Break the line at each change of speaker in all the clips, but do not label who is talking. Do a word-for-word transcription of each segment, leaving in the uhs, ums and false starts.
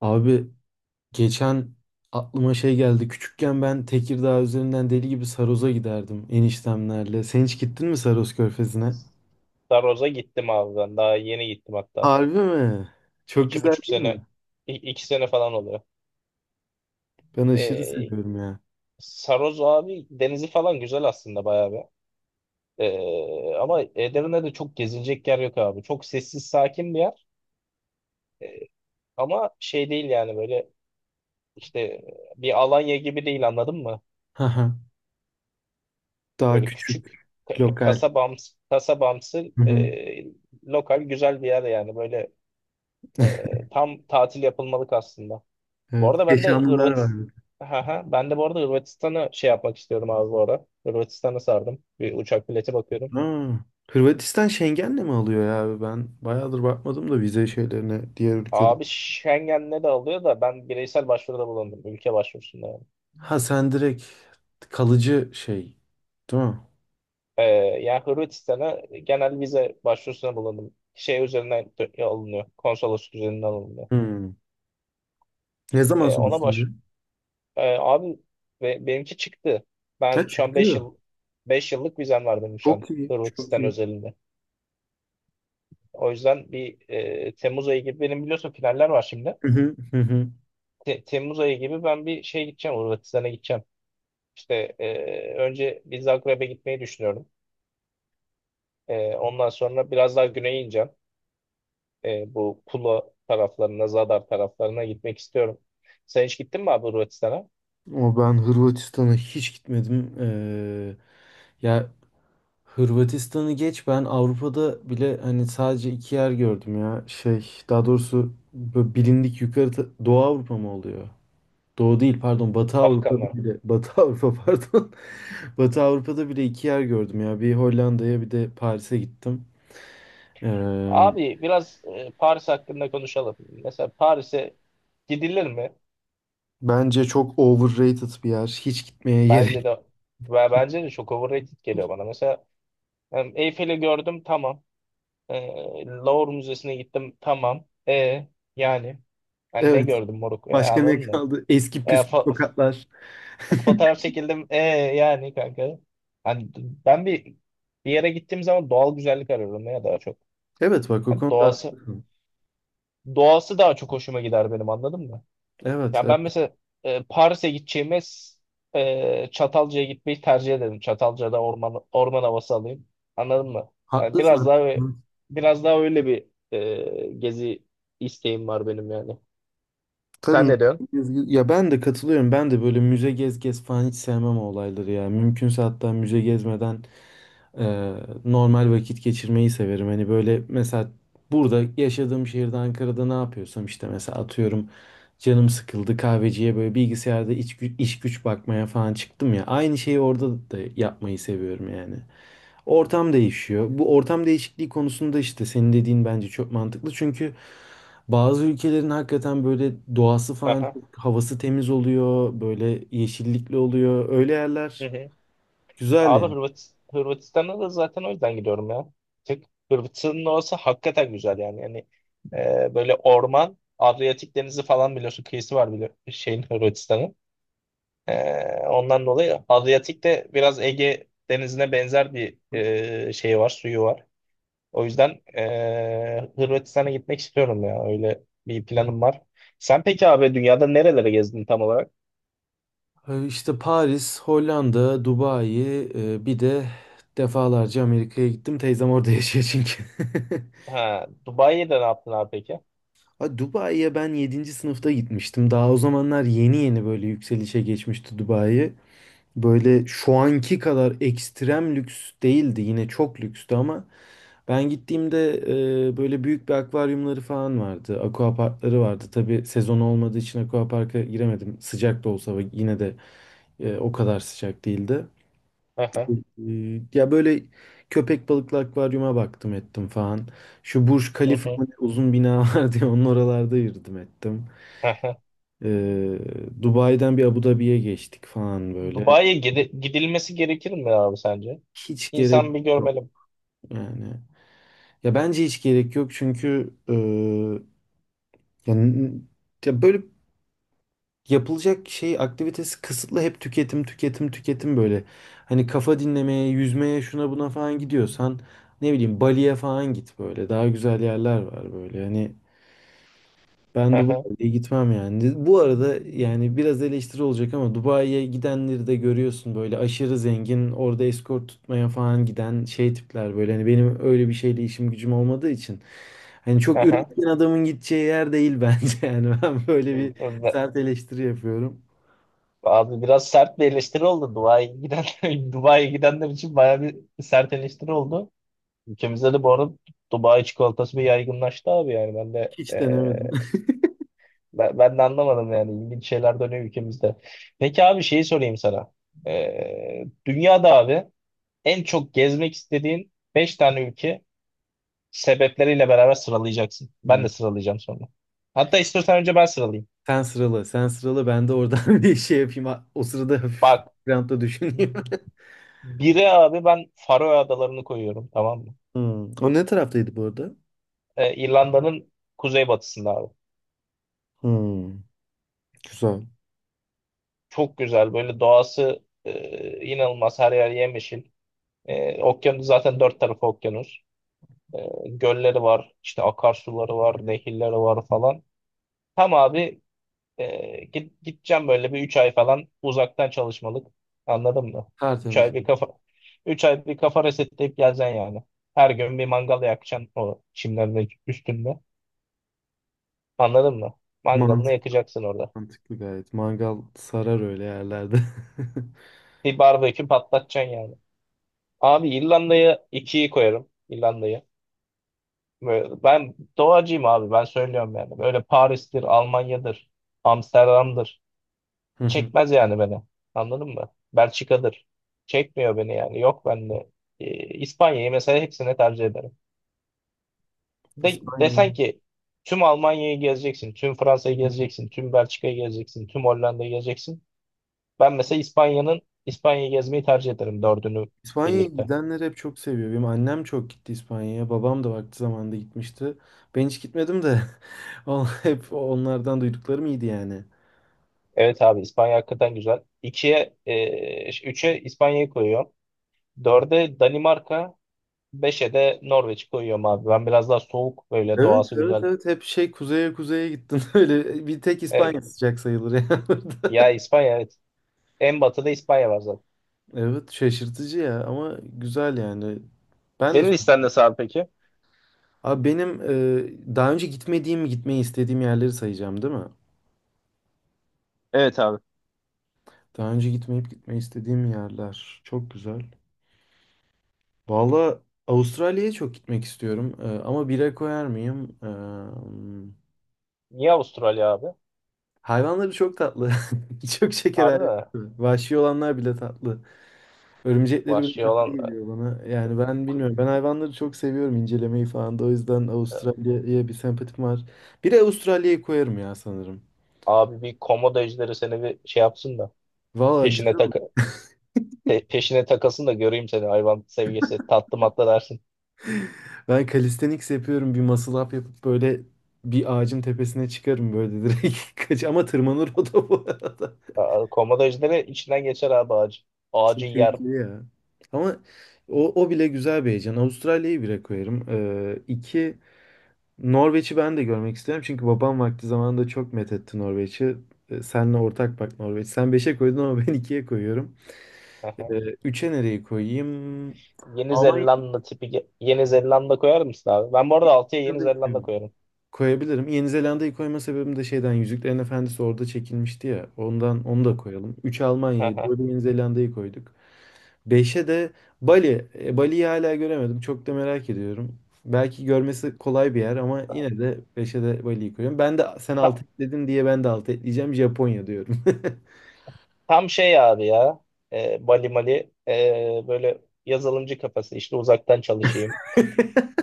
Abi geçen aklıma şey geldi. Küçükken ben Tekirdağ üzerinden deli gibi Saros'a giderdim eniştemlerle. Sen hiç gittin mi Saros Körfezi'ne?
Daroz'a gittim abi ben. Daha yeni gittim hatta.
Harbi mi? Çok
İki
güzel
buçuk
değil
sene,
mi?
i- iki sene falan oluyor.
Ben aşırı
Ee,
seviyorum ya.
Saroz abi denizi falan güzel aslında bayağı bir. Ee, ama Edirne'de çok gezilecek yer yok abi. Çok sessiz, sakin bir yer. Ee, ama şey değil yani böyle işte bir Alanya gibi değil, anladın mı?
Haha. Daha
Böyle küçük
küçük,
ka-
lokal.
kasabamsı, kasabamsı,
Hı hı.
e, lokal güzel bir yer yani böyle, e, tam tatil yapılmalık aslında. Bu
Evet.
arada ben de
Keşanlılar var bir de.
Hırvatistan ben de bu arada Hırvatistan'a şey yapmak istiyorum abi bu ara. Hırvatistan'a sardım. Bir uçak bileti bakıyorum.
Ha. Hırvatistan Schengen'le mi alıyor ya abi? Ben bayağıdır bakmadım da vize şeylerine diğer ülkede.
Abi Schengen'le de alıyor da ben bireysel başvuruda bulundum. Ülke başvurusunda yani.
Ha sen direkt kalıcı şey, değil mi?
Ee, yani Hırvatistan'a genel vize başvurusuna bulundum. Şey üzerinden dö- alınıyor. Konsolosluk üzerinden alınıyor.
Hmm. Ne zaman
Ee, ona baş...
sonuçlanıyor?
Ee, abi ve benimki çıktı.
Ha
Ben şu an beş
çıktı.
yıl beş yıllık vizem var benim şu an
Çok iyi. Çok
Hırvatistan
iyi.
özelinde. O yüzden bir e, Temmuz ayı gibi benim biliyorsun finaller var şimdi.
Hı hı, hı hı.
Te- Temmuz ayı gibi ben bir şeye gideceğim, Hırvatistan'a gideceğim. İşte e, önce bir Zagreb'e gitmeyi düşünüyorum. E, ondan sonra biraz daha güneye ineceğim. E, bu Pula taraflarına, Zadar taraflarına gitmek istiyorum. Sen hiç gittin mi abi Hırvatistan'a?
Ama ben Hırvatistan'a hiç gitmedim. Ee, ya Hırvatistan'ı geç ben Avrupa'da bile hani sadece iki yer gördüm ya. Şey daha doğrusu böyle bilindik yukarı ta- Doğu Avrupa mı oluyor? Doğu değil pardon Batı Avrupa'da
Balkanlar.
bile Batı Avrupa pardon. Batı Avrupa'da bile iki yer gördüm ya. Bir Hollanda'ya bir de Paris'e gittim. Ee,
Abi biraz e, Paris hakkında konuşalım. Mesela Paris'e gidilir mi?
bence çok overrated bir yer. Hiç gitmeye
Bence
gerek.
de ve bence de çok overrated geliyor bana. Mesela em, Eyfel'i gördüm, tamam. E, Louvre Müzesi'ne gittim, tamam. E yani ben ne gördüm moruk, e,
Başka ne
anladın mı?
kaldı? Eski
E,
püskü
fo-
sokaklar.
Fotoğraf çekildim, e yani kanka. Hani ben bir bir yere gittiğim zaman doğal güzellik arıyorum ya daha çok.
Evet bak o
Hani
konuda
doğası
haklısın.
doğası daha çok hoşuma gider benim, anladın mı?
Evet,
Ya
evet.
ben mesela e, Paris'e gideceğime e, Çatalca'ya gitmeyi tercih ederim. Çatalca'da orman orman havası alayım. Anladın mı? Yani biraz
Haklısın.
daha
Hı.
biraz daha öyle bir e, gezi isteğim var benim yani.
Tabii
Sen
müze
ne diyorsun?
gez- ya ben de katılıyorum. Ben de böyle müze gez gez falan hiç sevmem o olayları ya. Mümkünse hatta müze gezmeden e, normal vakit geçirmeyi severim. Hani böyle mesela burada yaşadığım şehirde Ankara'da ne yapıyorsam işte mesela atıyorum canım sıkıldı kahveciye böyle bilgisayarda iç, gü- iş güç bakmaya falan çıktım ya. Aynı şeyi orada da yapmayı seviyorum yani. Ortam değişiyor. Bu ortam değişikliği konusunda işte senin dediğin bence çok mantıklı. Çünkü bazı ülkelerin hakikaten böyle doğası falan
Aha.
çok havası temiz oluyor. Böyle yeşillikli oluyor. Öyle
Hı
yerler
hı.
güzel
Abi
yani.
Hırvat, Hırvatistan'a da zaten o yüzden gidiyorum ya. Tek Hırvatistan'ın orası hakikaten güzel yani. Yani e, böyle orman, Adriyatik Denizi falan biliyorsun. Kıyısı var biliyor şeyin Hırvatistan'ın. Ee, ondan dolayı Adriyatik de biraz Ege Denizi'ne benzer bir e, şey var, suyu var. O yüzden e, Hırvatistan'a gitmek istiyorum ya. Öyle bir planım var. Sen peki abi dünyada nerelere gezdin tam olarak?
Ee, İşte Paris, Hollanda, Dubai, e, bir de defalarca Amerika'ya gittim. Teyzem orada yaşıyor çünkü.
Ha, Dubai'de ne yaptın abi peki?
Ha, Dubai'ye ben yedinci sınıfta gitmiştim. Daha o zamanlar yeni yeni böyle yükselişe geçmişti Dubai. Böyle şu anki kadar ekstrem lüks değildi. Yine çok lükstü ama ben gittiğimde e, böyle büyük bir akvaryumları falan vardı. Aquaparkları vardı. Tabii sezon olmadığı için aquaparka giremedim. Sıcak da olsa ve yine de e, o kadar sıcak değildi.
Hı hı,
E, ya böyle köpek balıklı akvaryuma baktım ettim falan. Şu Burj
hı
Khalifa
hı,
mı ne uzun bina var diye onun oralarda yürüdüm ettim.
hı hı.
E, Dubai'den bir Abu Dhabi'ye geçtik falan böyle.
Dubai'ye gidi- gidilmesi gerekir mi abi sence?
Hiç gerek.
İnsan bir görmeli.
Yani ya bence hiç gerek yok çünkü e, yani ya böyle yapılacak şey aktivitesi kısıtlı hep tüketim tüketim tüketim böyle. Hani kafa dinlemeye, yüzmeye, şuna buna falan gidiyorsan ne bileyim Bali'ye falan git böyle. Daha güzel yerler var böyle. Hani
Hı
ben
hı,
Dubai'ye gitmem yani. Bu arada yani biraz eleştiri olacak ama Dubai'ye gidenleri de görüyorsun böyle aşırı zengin, orada eskort tutmaya falan giden şey tipler böyle. Hani benim öyle bir şeyle işim gücüm olmadığı için. Hani
hı
çok
hı.
üretken adamın gideceği yer değil bence yani. Ben böyle bir
Ve-
sert eleştiri yapıyorum.
Abi biraz sert bir eleştiri oldu Dubai'ye giden Dubai'ye gidenler için bayağı bir sert eleştiri oldu. Ülkemizde de bu arada Dubai çikolatası bir yaygınlaştı abi yani ben de
Hiç denemedim.
eee, ben, ben de anlamadım yani ilginç şeyler dönüyor ülkemizde. Peki abi şeyi sorayım sana. Eee, dünyada abi en çok gezmek istediğin beş tane ülke sebepleriyle beraber sıralayacaksın. Ben
Hmm.
de sıralayacağım sonra. Hatta istiyorsan önce ben sıralayayım.
Sen sıralı, sen sıralı ben de oradan bir şey yapayım. O sırada hafif
Bak
grantta düşüneyim.
biri abi ben Faroe Adalarını koyuyorum, tamam mı?
Hmm. O ne taraftaydı bu arada?
Eee, İrlanda'nın kuzeybatısında abi.
Hmm. Güzel.
Çok güzel böyle doğası, e, inanılmaz her yer yemyeşil. E, okyanus zaten dört tarafı okyanus. E, gölleri var, işte akarsuları var, nehirleri var falan. Tam abi e, git, gideceğim böyle bir üç ay falan uzaktan çalışmalık. Anladın mı? Üç
Tertemiz.
ay bir kafa üç ay bir kafa resetleyip geleceksin yani. Her gün bir mangal yakacaksın o çimlerin üstünde. Anladın mı? Mangalını
Mantıklı,
yakacaksın orada.
mantıklı gayet. Mangal sarar öyle yerlerde.
Bir barbekü patlatacaksın yani. Abi İrlanda'ya ikiyi koyarım. İrlanda'yı. Ve ben doğacıyım abi, ben söylüyorum yani. Böyle Paris'tir, Almanya'dır, Amsterdam'dır.
Hı hı.
Çekmez yani beni. Anladın mı? Belçika'dır. Çekmiyor beni yani. Yok bende. Ee, İspanya'yı mesela hepsine tercih ederim. De,
İspanya.
desen ki tüm Almanya'yı gezeceksin, tüm Fransa'yı gezeceksin, tüm Belçika'yı gezeceksin, tüm Hollanda'yı gezeceksin. Ben mesela İspanya'nın İspanya'yı gezmeyi tercih ederim dördünü
İspanya'ya
birlikte.
gidenler hep çok seviyor. Benim annem çok gitti İspanya'ya. Babam da vakti zamanında gitmişti. Ben hiç gitmedim de on- hep onlardan duyduklarım iyiydi yani.
Evet abi İspanya hakikaten güzel. İkiye, e, üçe İspanya'yı koyuyorum. Dörde Danimarka, beşe de Norveç koyuyorum abi. Ben biraz daha soğuk böyle
Evet,
doğası
evet,
güzel.
evet. Hep şey kuzeye kuzeye gittim. Öyle bir tek İspanya
E,
sıcak sayılır yani.
ya İspanya evet. En batıda İspanya var zaten.
Evet, şaşırtıcı ya ama güzel yani. Ben de
Senin listen nasıl abi peki?
Abi benim e, daha önce gitmediğim, gitmeyi istediğim yerleri sayacağım, değil mi?
Evet abi.
Daha önce gitmeyip gitmeyi istediğim yerler. Çok güzel. Valla Avustralya'ya çok gitmek istiyorum. Ee, ama bire koyar mıyım? Ee,
Niye Avustralya abi?
hayvanları çok tatlı. Çok şeker
Harbi
hayvanları.
mi?
Vahşi olanlar bile tatlı. Örümcekleri bile
Vahşi
tatlı
olan e,
geliyor bana. Yani ben
ku-
bilmiyorum. Ben hayvanları çok seviyorum incelemeyi falan da. O yüzden
e,
Avustralya'ya bir sempatim var. Bir de Avustralya'yı koyarım ya sanırım.
abi bir komodo ejderi seni bir şey yapsın da
Valla
peşine tak peşine takasın da göreyim seni, hayvan sevgisi tatlı matlı dersin.
ben calisthenics yapıyorum. Bir muscle up yapıp böyle bir ağacın tepesine çıkarım böyle direkt. Kaç ama tırmanır o da bu arada.
Aa, Komodo ejderi içinden geçer abi ağacı. Ağacı
Çok
yer.
tehlikeli ya. Ama o, o bile güzel bir heyecan. Avustralya'yı bire koyarım. Ee, iki, Norveç'i ben de görmek isterim. Çünkü babam vakti zamanında çok methetti Norveç'i. Ee, Senle ortak bak Norveç. Sen beşe koydun ama ben ikiye koyuyorum. Ee, üçe nereyi koyayım?
Yeni
Almanya'yı
Zelanda tipi ge- Yeni Zelanda koyar mısın abi? Ben bu arada altıya Yeni
da
Zelanda
isterim.
koyarım.
Koyabilirim. Yeni Zelanda'yı koyma sebebim de şeyden Yüzüklerin Efendisi orada çekilmişti ya. Ondan onu da koyalım. Üç Almanya'yı, dört Yeni Zelanda'yı koyduk. Beşe de Bali. E, Bali'yi hala göremedim. Çok da merak ediyorum. Belki görmesi kolay bir yer ama yine de beşe de Bali'yi koyuyorum. Ben de sen
Ta-
altı dedin diye ben de altı ekleyeceğim. Japonya diyorum.
Tam şey abi ya. E, Bali Mali, e, böyle yazılımcı kafası İşte uzaktan çalışayım.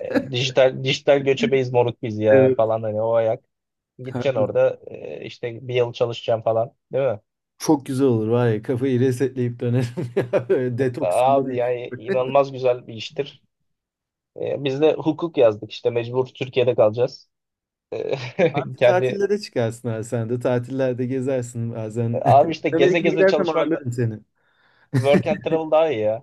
E, dijital dijital göçebeyiz moruk biz ya
Evet.
falan, hani o ayak. Gideceksin
Haklı.
orada e, işte bir yıl çalışacaksın falan, değil mi?
Çok güzel olur var ya kafayı resetleyip dönerim ya. Böyle detoks.
Abi yani inanılmaz güzel bir iştir. E, biz de hukuk yazdık işte mecbur Türkiye'de kalacağız. E, kendi
Tatillere çıkarsın abi sen de. Tatillerde gezersin bazen.
abi işte
Ben
geze
Amerika'ya
geze
gidersem
çalışmak da-
ağırlarım seni.
Work and travel daha iyi ya.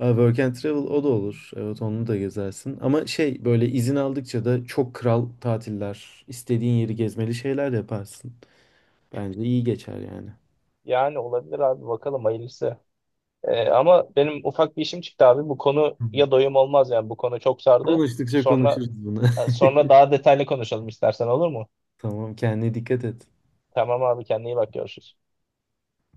Abi Work and Travel o da olur. Evet onu da gezersin. Ama şey böyle izin aldıkça da çok kral tatiller, istediğin yeri gezmeli şeyler yaparsın. Bence iyi geçer yani.
Yani olabilir abi, bakalım hayırlısı. Ee, ama benim ufak bir işim çıktı abi. Bu konu
Hı hı.
ya doyum olmaz yani bu konu çok sardı.
Konuştukça
Sonra
konuşuruz bunu.
sonra daha detaylı konuşalım istersen, olur mu?
Tamam kendine dikkat et.
Tamam abi kendine iyi bak, görüşürüz.